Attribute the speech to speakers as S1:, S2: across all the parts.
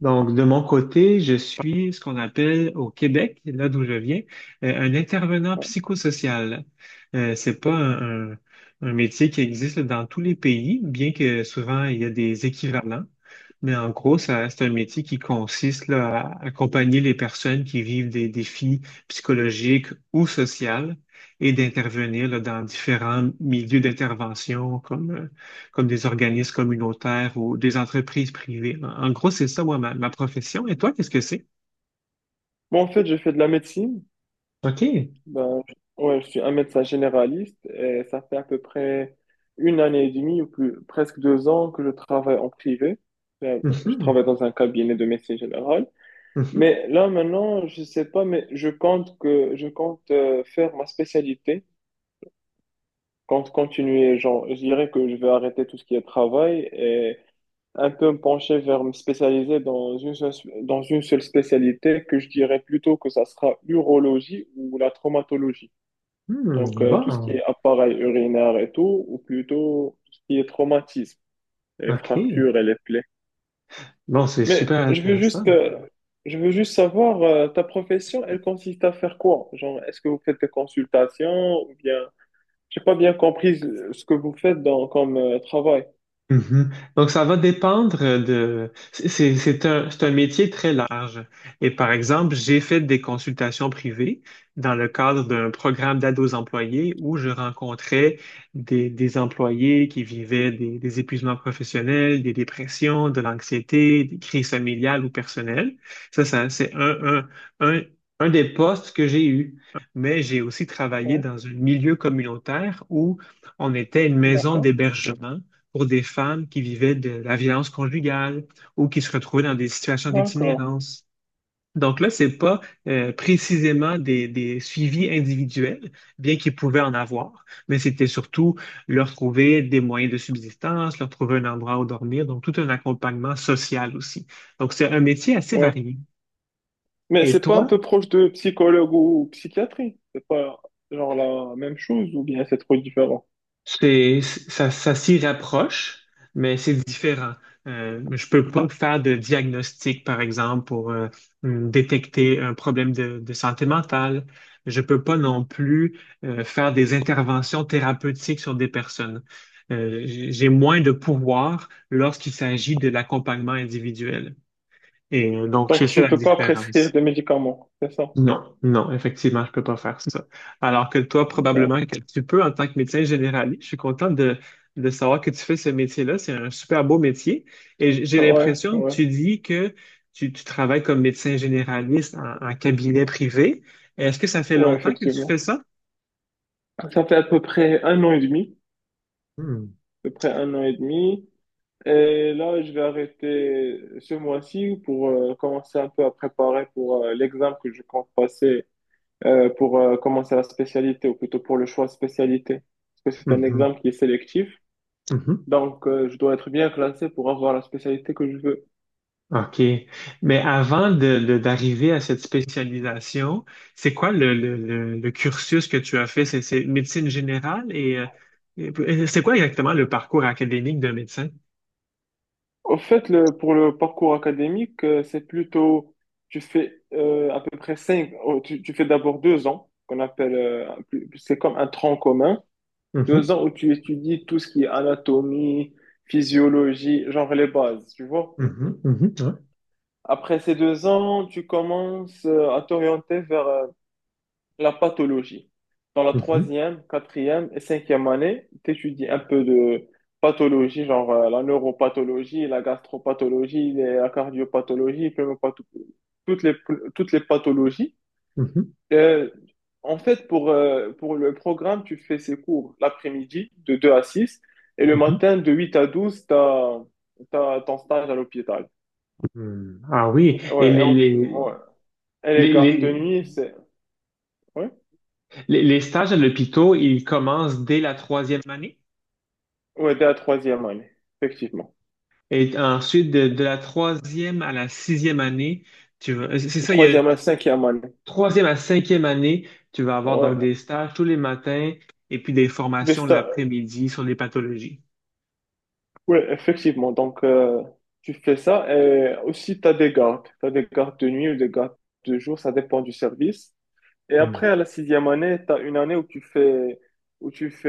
S1: Donc, de mon côté, je suis ce qu'on appelle au Québec, là d'où je viens, un intervenant psychosocial. C'est pas un métier qui existe dans tous les pays, bien que souvent il y a des équivalents. Mais en gros, ça, c'est un métier qui consiste là, à accompagner les personnes qui vivent des défis psychologiques ou sociaux et d'intervenir là, dans différents milieux d'intervention comme comme des organismes communautaires ou des entreprises privées. En gros, c'est ça, moi, ma profession. Et toi, qu'est-ce que c'est?
S2: Bon, en fait, je fais de la médecine.
S1: OK.
S2: Ben, je- ouais, je suis un médecin généraliste et ça fait à peu près 1 an et demi ou plus, presque 2 ans que je travaille en privé. Ben, je
S1: Mhm.
S2: travaille dans un cabinet de médecine générale.
S1: Mhm.
S2: Mais là, maintenant, je sais pas, mais je compte faire ma spécialité. Compte continuer, genre, je dirais que je vais arrêter tout ce qui est travail et un peu me pencher vers me spécialiser dans une seule spécialité que je dirais plutôt que ça sera l'urologie ou la traumatologie. Donc,
S1: Hmm.
S2: tout ce qui
S1: Bon.
S2: est appareil urinaire et tout, ou plutôt tout ce qui est traumatisme, les
S1: OK.
S2: fractures et les plaies.
S1: Bon, c'est
S2: Mais
S1: super intéressant.
S2: je veux juste savoir, ta profession, elle consiste à faire quoi? Genre, est-ce que vous faites des consultations ou bien, j'ai pas bien compris ce que vous faites dans, comme travail.
S1: Mhm. Donc, ça va dépendre. C'est un métier très large. Et par exemple, j'ai fait des consultations privées dans le cadre d'un programme d'aide aux employés où je rencontrais des employés qui vivaient des épuisements professionnels, des dépressions, de l'anxiété, des crises familiales ou personnelles. Ça, ça, c'est un, un, un, un des postes que j'ai eu. Mais j'ai aussi travaillé
S2: Hein.
S1: dans un milieu communautaire où on était une maison
S2: D'accord,
S1: d'hébergement pour des femmes qui vivaient de la violence conjugale ou qui se retrouvaient dans des situations
S2: d'accord.
S1: d'itinérance. Donc là, c'est pas précisément des suivis individuels, bien qu'ils pouvaient en avoir, mais c'était surtout leur trouver des moyens de subsistance, leur trouver un endroit où dormir, donc tout un accompagnement social aussi. Donc c'est un métier assez
S2: Ouais.
S1: varié.
S2: Mais
S1: Et
S2: c'est pas un
S1: toi.
S2: peu proche de psychologue ou psychiatrie? C'est pas genre la même chose ou bien c'est trop différent?
S1: C'est, ça s'y rapproche, mais c'est différent. Je peux pas faire de diagnostic, par exemple, pour détecter un problème de santé mentale. Je peux pas non plus faire des interventions thérapeutiques sur des personnes. J'ai moins de pouvoir lorsqu'il s'agit de l'accompagnement individuel. Donc,
S2: Donc
S1: c'est ça
S2: tu
S1: la
S2: peux pas prescrire
S1: différence.
S2: des médicaments, c'est ça?
S1: Non, non, effectivement, je peux pas faire ça. Alors que toi, probablement
S2: D'accord.
S1: que tu peux en tant que médecin généraliste. Je suis content de savoir que tu fais ce métier-là. C'est un super beau métier. Et j'ai
S2: Ouais,
S1: l'impression,
S2: ouais,
S1: tu dis que tu travailles comme médecin généraliste en cabinet privé. Est-ce que ça fait
S2: ouais,
S1: longtemps que tu
S2: effectivement.
S1: fais ça?
S2: Ça fait à peu près 1 an et demi,
S1: Hmm.
S2: à peu près un an et demi. Et là, je vais arrêter ce mois-ci pour commencer un peu à préparer pour l'examen que je compte passer pour commencer la spécialité ou plutôt pour le choix de spécialité. Parce que c'est un
S1: Mhm.
S2: examen qui est sélectif.
S1: Mhm.
S2: Donc, je dois être bien classé pour avoir la spécialité que je veux.
S1: OK. Mais avant d'arriver à cette spécialisation, c'est quoi le cursus que tu as fait? C'est médecine générale et, c'est quoi exactement le parcours académique d'un médecin?
S2: Au fait, le, pour le parcours académique, c'est plutôt, tu fais à peu près cinq, oh, tu fais d'abord 2 ans, qu'on appelle, c'est comme un tronc commun, deux
S1: Mhm,
S2: ans où tu étudies tout ce qui est anatomie, physiologie, genre les bases, tu vois.
S1: mhm, mhm, ouais,
S2: Après ces 2 ans, tu commences à t'orienter vers la pathologie. Dans la
S1: mhm,
S2: troisième, quatrième et cinquième année, tu étudies un peu de pathologie, genre la neuropathologie, la gastropathologie, la cardiopathologie, toutes les, toutes les pathologies.
S1: mhm,
S2: Euh, en fait, pour le programme, tu fais ces cours l'après-midi de 2 à 6 et le
S1: mhm.
S2: matin de 8 à 12 tu as, ton stage à l'hôpital.
S1: Hmm. Ah oui, et
S2: Ouais, et, on- ouais. Et les
S1: les,
S2: gardes de
S1: les,
S2: nuit, c'est ouais,
S1: les stages à l'hôpital, ils commencent dès la troisième année?
S2: ouais, dès la troisième année, effectivement.
S1: Et ensuite, de la troisième à la sixième année, tu vas, c'est ça, il y a
S2: Troisième à la cinquième année.
S1: troisième à cinquième année, tu vas avoir donc
S2: Ouais.
S1: des stages tous les matins et puis des
S2: Des
S1: formations
S2: sta-
S1: l'après-midi sur les pathologies.
S2: ouais, effectivement. Donc, tu fais ça. Et aussi, tu as des gardes. Tu as des gardes de nuit ou des gardes de jour. Ça dépend du service. Et
S1: Hmm.
S2: après, à la sixième année, tu as une année où tu fais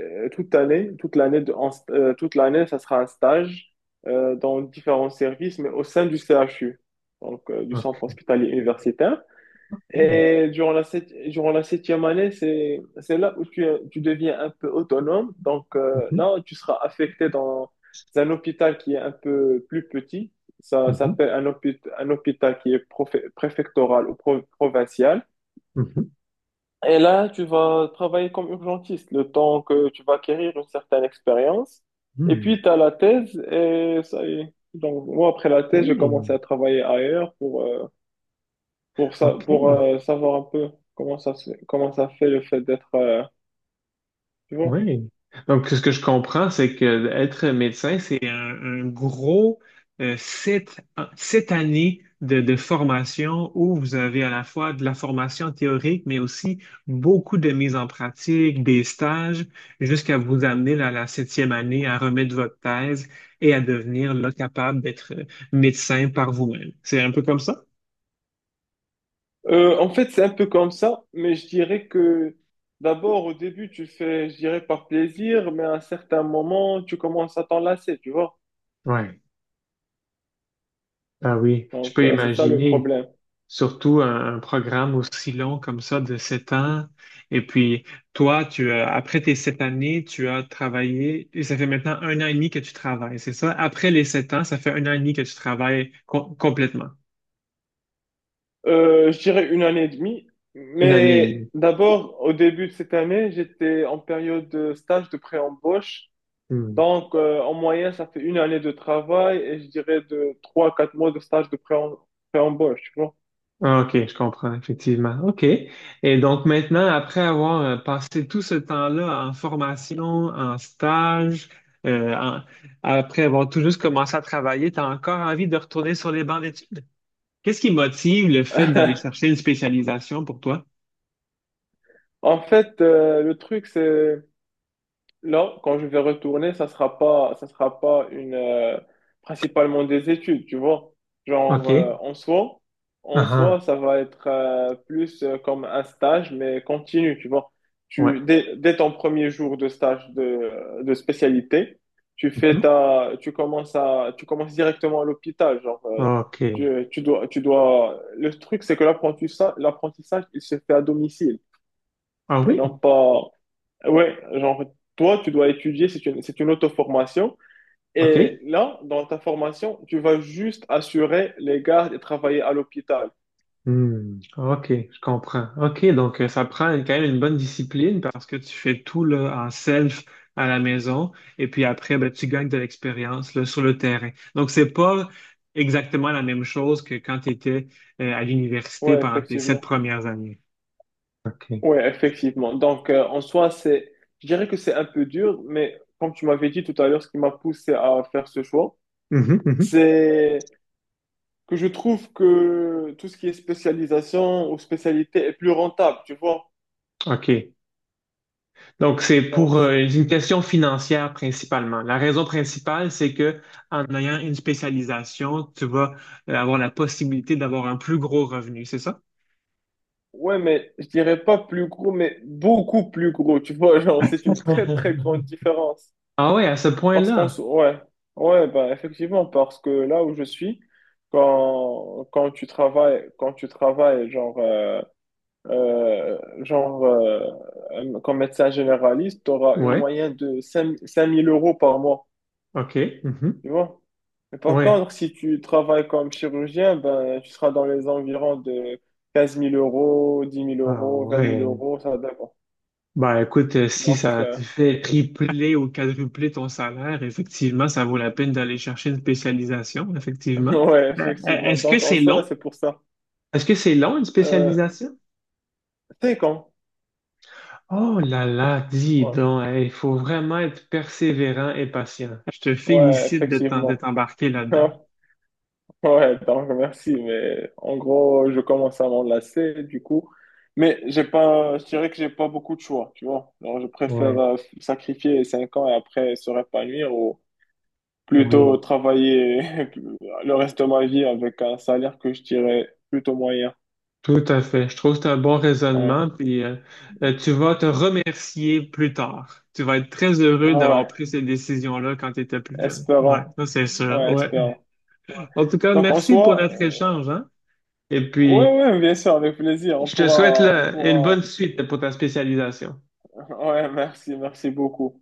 S2: toute l'année. Toute l'année, ça sera un stage dans différents services, mais au sein du CHU, donc du centre
S1: OK.
S2: hospitalier universitaire. Et durant durant la septième année, c'est là où tu deviens un peu autonome. Donc
S1: Mhm,
S2: là, tu seras affecté dans un hôpital qui est un peu plus petit. Ça
S1: mhm,
S2: s'appelle un hôpital qui est préfectoral ou provincial.
S1: mhm,
S2: Et là, tu vas travailler comme urgentiste le temps que tu vas acquérir une certaine expérience. Et
S1: hmm.
S2: puis, tu as la thèse et ça y est. Donc, moi, après la thèse, j'ai
S1: Hey,
S2: commencé à travailler ailleurs pour ça, pour
S1: OK.
S2: savoir un peu comment comment ça fait le fait d'être, tu vois.
S1: Oui. Donc, ce que je comprends, c'est que être médecin, c'est un gros euh, sept, sept années de formation où vous avez à la fois de la formation théorique, mais aussi beaucoup de mise en pratique, des stages, jusqu'à vous amener à la septième année à remettre votre thèse et à devenir là, capable d'être médecin par vous-même. C'est un peu comme ça?
S2: En fait, c'est un peu comme ça, mais je dirais que d'abord, au début, tu fais, je dirais, par plaisir, mais à un certain moment, tu commences à t'en lasser, tu vois.
S1: Ouais. Ah oui, je
S2: Donc,
S1: peux
S2: c'est ça le
S1: imaginer.
S2: problème.
S1: Surtout un programme aussi long comme ça de sept ans. Et puis, toi, tu as, après tes sept années, tu as travaillé, et ça fait maintenant un an et demi que tu travailles, c'est ça? Après les sept ans, ça fait un an et demi que tu travailles complètement.
S2: Je dirais 1 an et demi,
S1: Une année et
S2: mais
S1: demie.
S2: d'abord, au début de cette année, j'étais en période de stage de pré-embauche.
S1: Hmm.
S2: Donc, en moyenne, ça fait une année de travail et je dirais de 3 à 4 mois de stage de pré-embauche, tu vois.
S1: Ah, OK, je comprends, effectivement. OK. Et donc maintenant, après avoir passé tout ce temps-là en formation, en stage, euh, en- après avoir tout juste commencé à travailler, tu as encore envie de retourner sur les bancs d'études? Qu'est-ce qui motive le fait d'aller chercher une spécialisation pour toi?
S2: En fait, le truc, c'est là, quand je vais retourner, ça sera pas une, principalement des études, tu vois. Genre,
S1: OK. Ah,
S2: en soi,
S1: ah,
S2: ça va être plus comme un stage, mais continu, tu vois.
S1: ouais.
S2: Dès ton premier jour de stage de spécialité,
S1: Mhm.
S2: tu commences directement à l'hôpital, genre,
S1: OK.
S2: tu dois, le truc, c'est que l'apprentissage, il se fait à domicile
S1: Ah
S2: et non
S1: oui.
S2: pas, ouais, genre, toi, tu dois étudier, c'est une auto-formation. Et
S1: OK.
S2: là, dans ta formation, tu vas juste assurer les gardes et travailler à l'hôpital.
S1: Hmm. OK, je comprends. OK, donc ça prend quand même une bonne discipline parce que tu fais tout là, en self à la maison et puis après, ben, tu gagnes de l'expérience là, sur le terrain. Donc, c'est pas exactement la même chose que quand tu étais à l'université
S2: Ouais,
S1: pendant tes sept
S2: effectivement.
S1: premières années. OK.
S2: Ouais, effectivement. Donc, je dirais que c'est un peu dur, mais comme tu m'avais dit tout à l'heure, ce qui m'a poussé à faire ce choix,
S1: Mhm, mhm.
S2: c'est que je trouve que tout ce qui est spécialisation ou spécialité est plus rentable, tu vois.
S1: OK. Donc, c'est
S2: Donc,
S1: pour
S2: c'est
S1: une question financière principalement. La raison principale, c'est que en ayant une spécialisation, tu vas avoir la possibilité d'avoir un plus gros revenu, c'est ça?
S2: ouais, mais je dirais pas plus gros, mais beaucoup plus gros, tu vois, genre, c'est une très très grande différence.
S1: Ah oui, à ce
S2: Parce qu'on
S1: point-là.
S2: se... Ouais, ouais, bah effectivement, parce que là où je suis, quand tu travailles, genre, euh, genre euh, comme médecin généraliste, tu auras une
S1: Ouais,
S2: moyenne de 5 000 € par mois,
S1: OK. Mhm.
S2: tu vois. Mais par
S1: Ouais.
S2: contre, si tu travailles comme chirurgien, ben, tu seras dans les environs de quinze mille euros, dix mille
S1: Ah
S2: euros, vingt mille
S1: ouais.
S2: euros, ça dépend.
S1: Ben écoute, si
S2: Donc,
S1: ça te fait tripler ou quadrupler ton salaire, effectivement, ça vaut la peine d'aller chercher une spécialisation, effectivement.
S2: ouais, effectivement.
S1: Est-ce que
S2: Donc, en
S1: c'est
S2: soi,
S1: long?
S2: c'est pour ça.
S1: Est-ce que c'est long, une
S2: Euh,
S1: spécialisation?
S2: c'est quand?
S1: Oh là là, dis
S2: Ouais.
S1: donc, hey, il faut vraiment être persévérant et patient. Je te
S2: Ouais,
S1: félicite de
S2: effectivement.
S1: t'embarquer là-dedans.
S2: Ouais, donc, merci. Mais en gros, je commence à m'enlacer, du coup. Mais j'ai pas, je dirais que j'ai pas beaucoup de choix, tu vois. Alors, je préfère
S1: Oui,
S2: sacrifier 5 ans et après se répanouir ou plutôt
S1: oui.
S2: travailler le reste de ma vie avec un salaire que je dirais plutôt moyen.
S1: Tout à fait. Je trouve que c'est un bon
S2: Ouais,
S1: raisonnement, puis tu vas te remercier plus tard. Tu vas être très heureux d'avoir
S2: ouais,
S1: pris cette décision-là quand tu étais plus jeune. Ouais,
S2: espérant.
S1: ça c'est sûr.
S2: Ouais,
S1: Ouais.
S2: espérant. Ouais.
S1: En tout cas,
S2: Donc en
S1: merci pour
S2: soi,
S1: notre échange, hein? Et
S2: ouais,
S1: puis,
S2: ouais, bien sûr, avec plaisir.
S1: je te souhaite
S2: On
S1: là, une
S2: pourra.
S1: bonne suite pour ta spécialisation.
S2: Ouais, merci, merci beaucoup.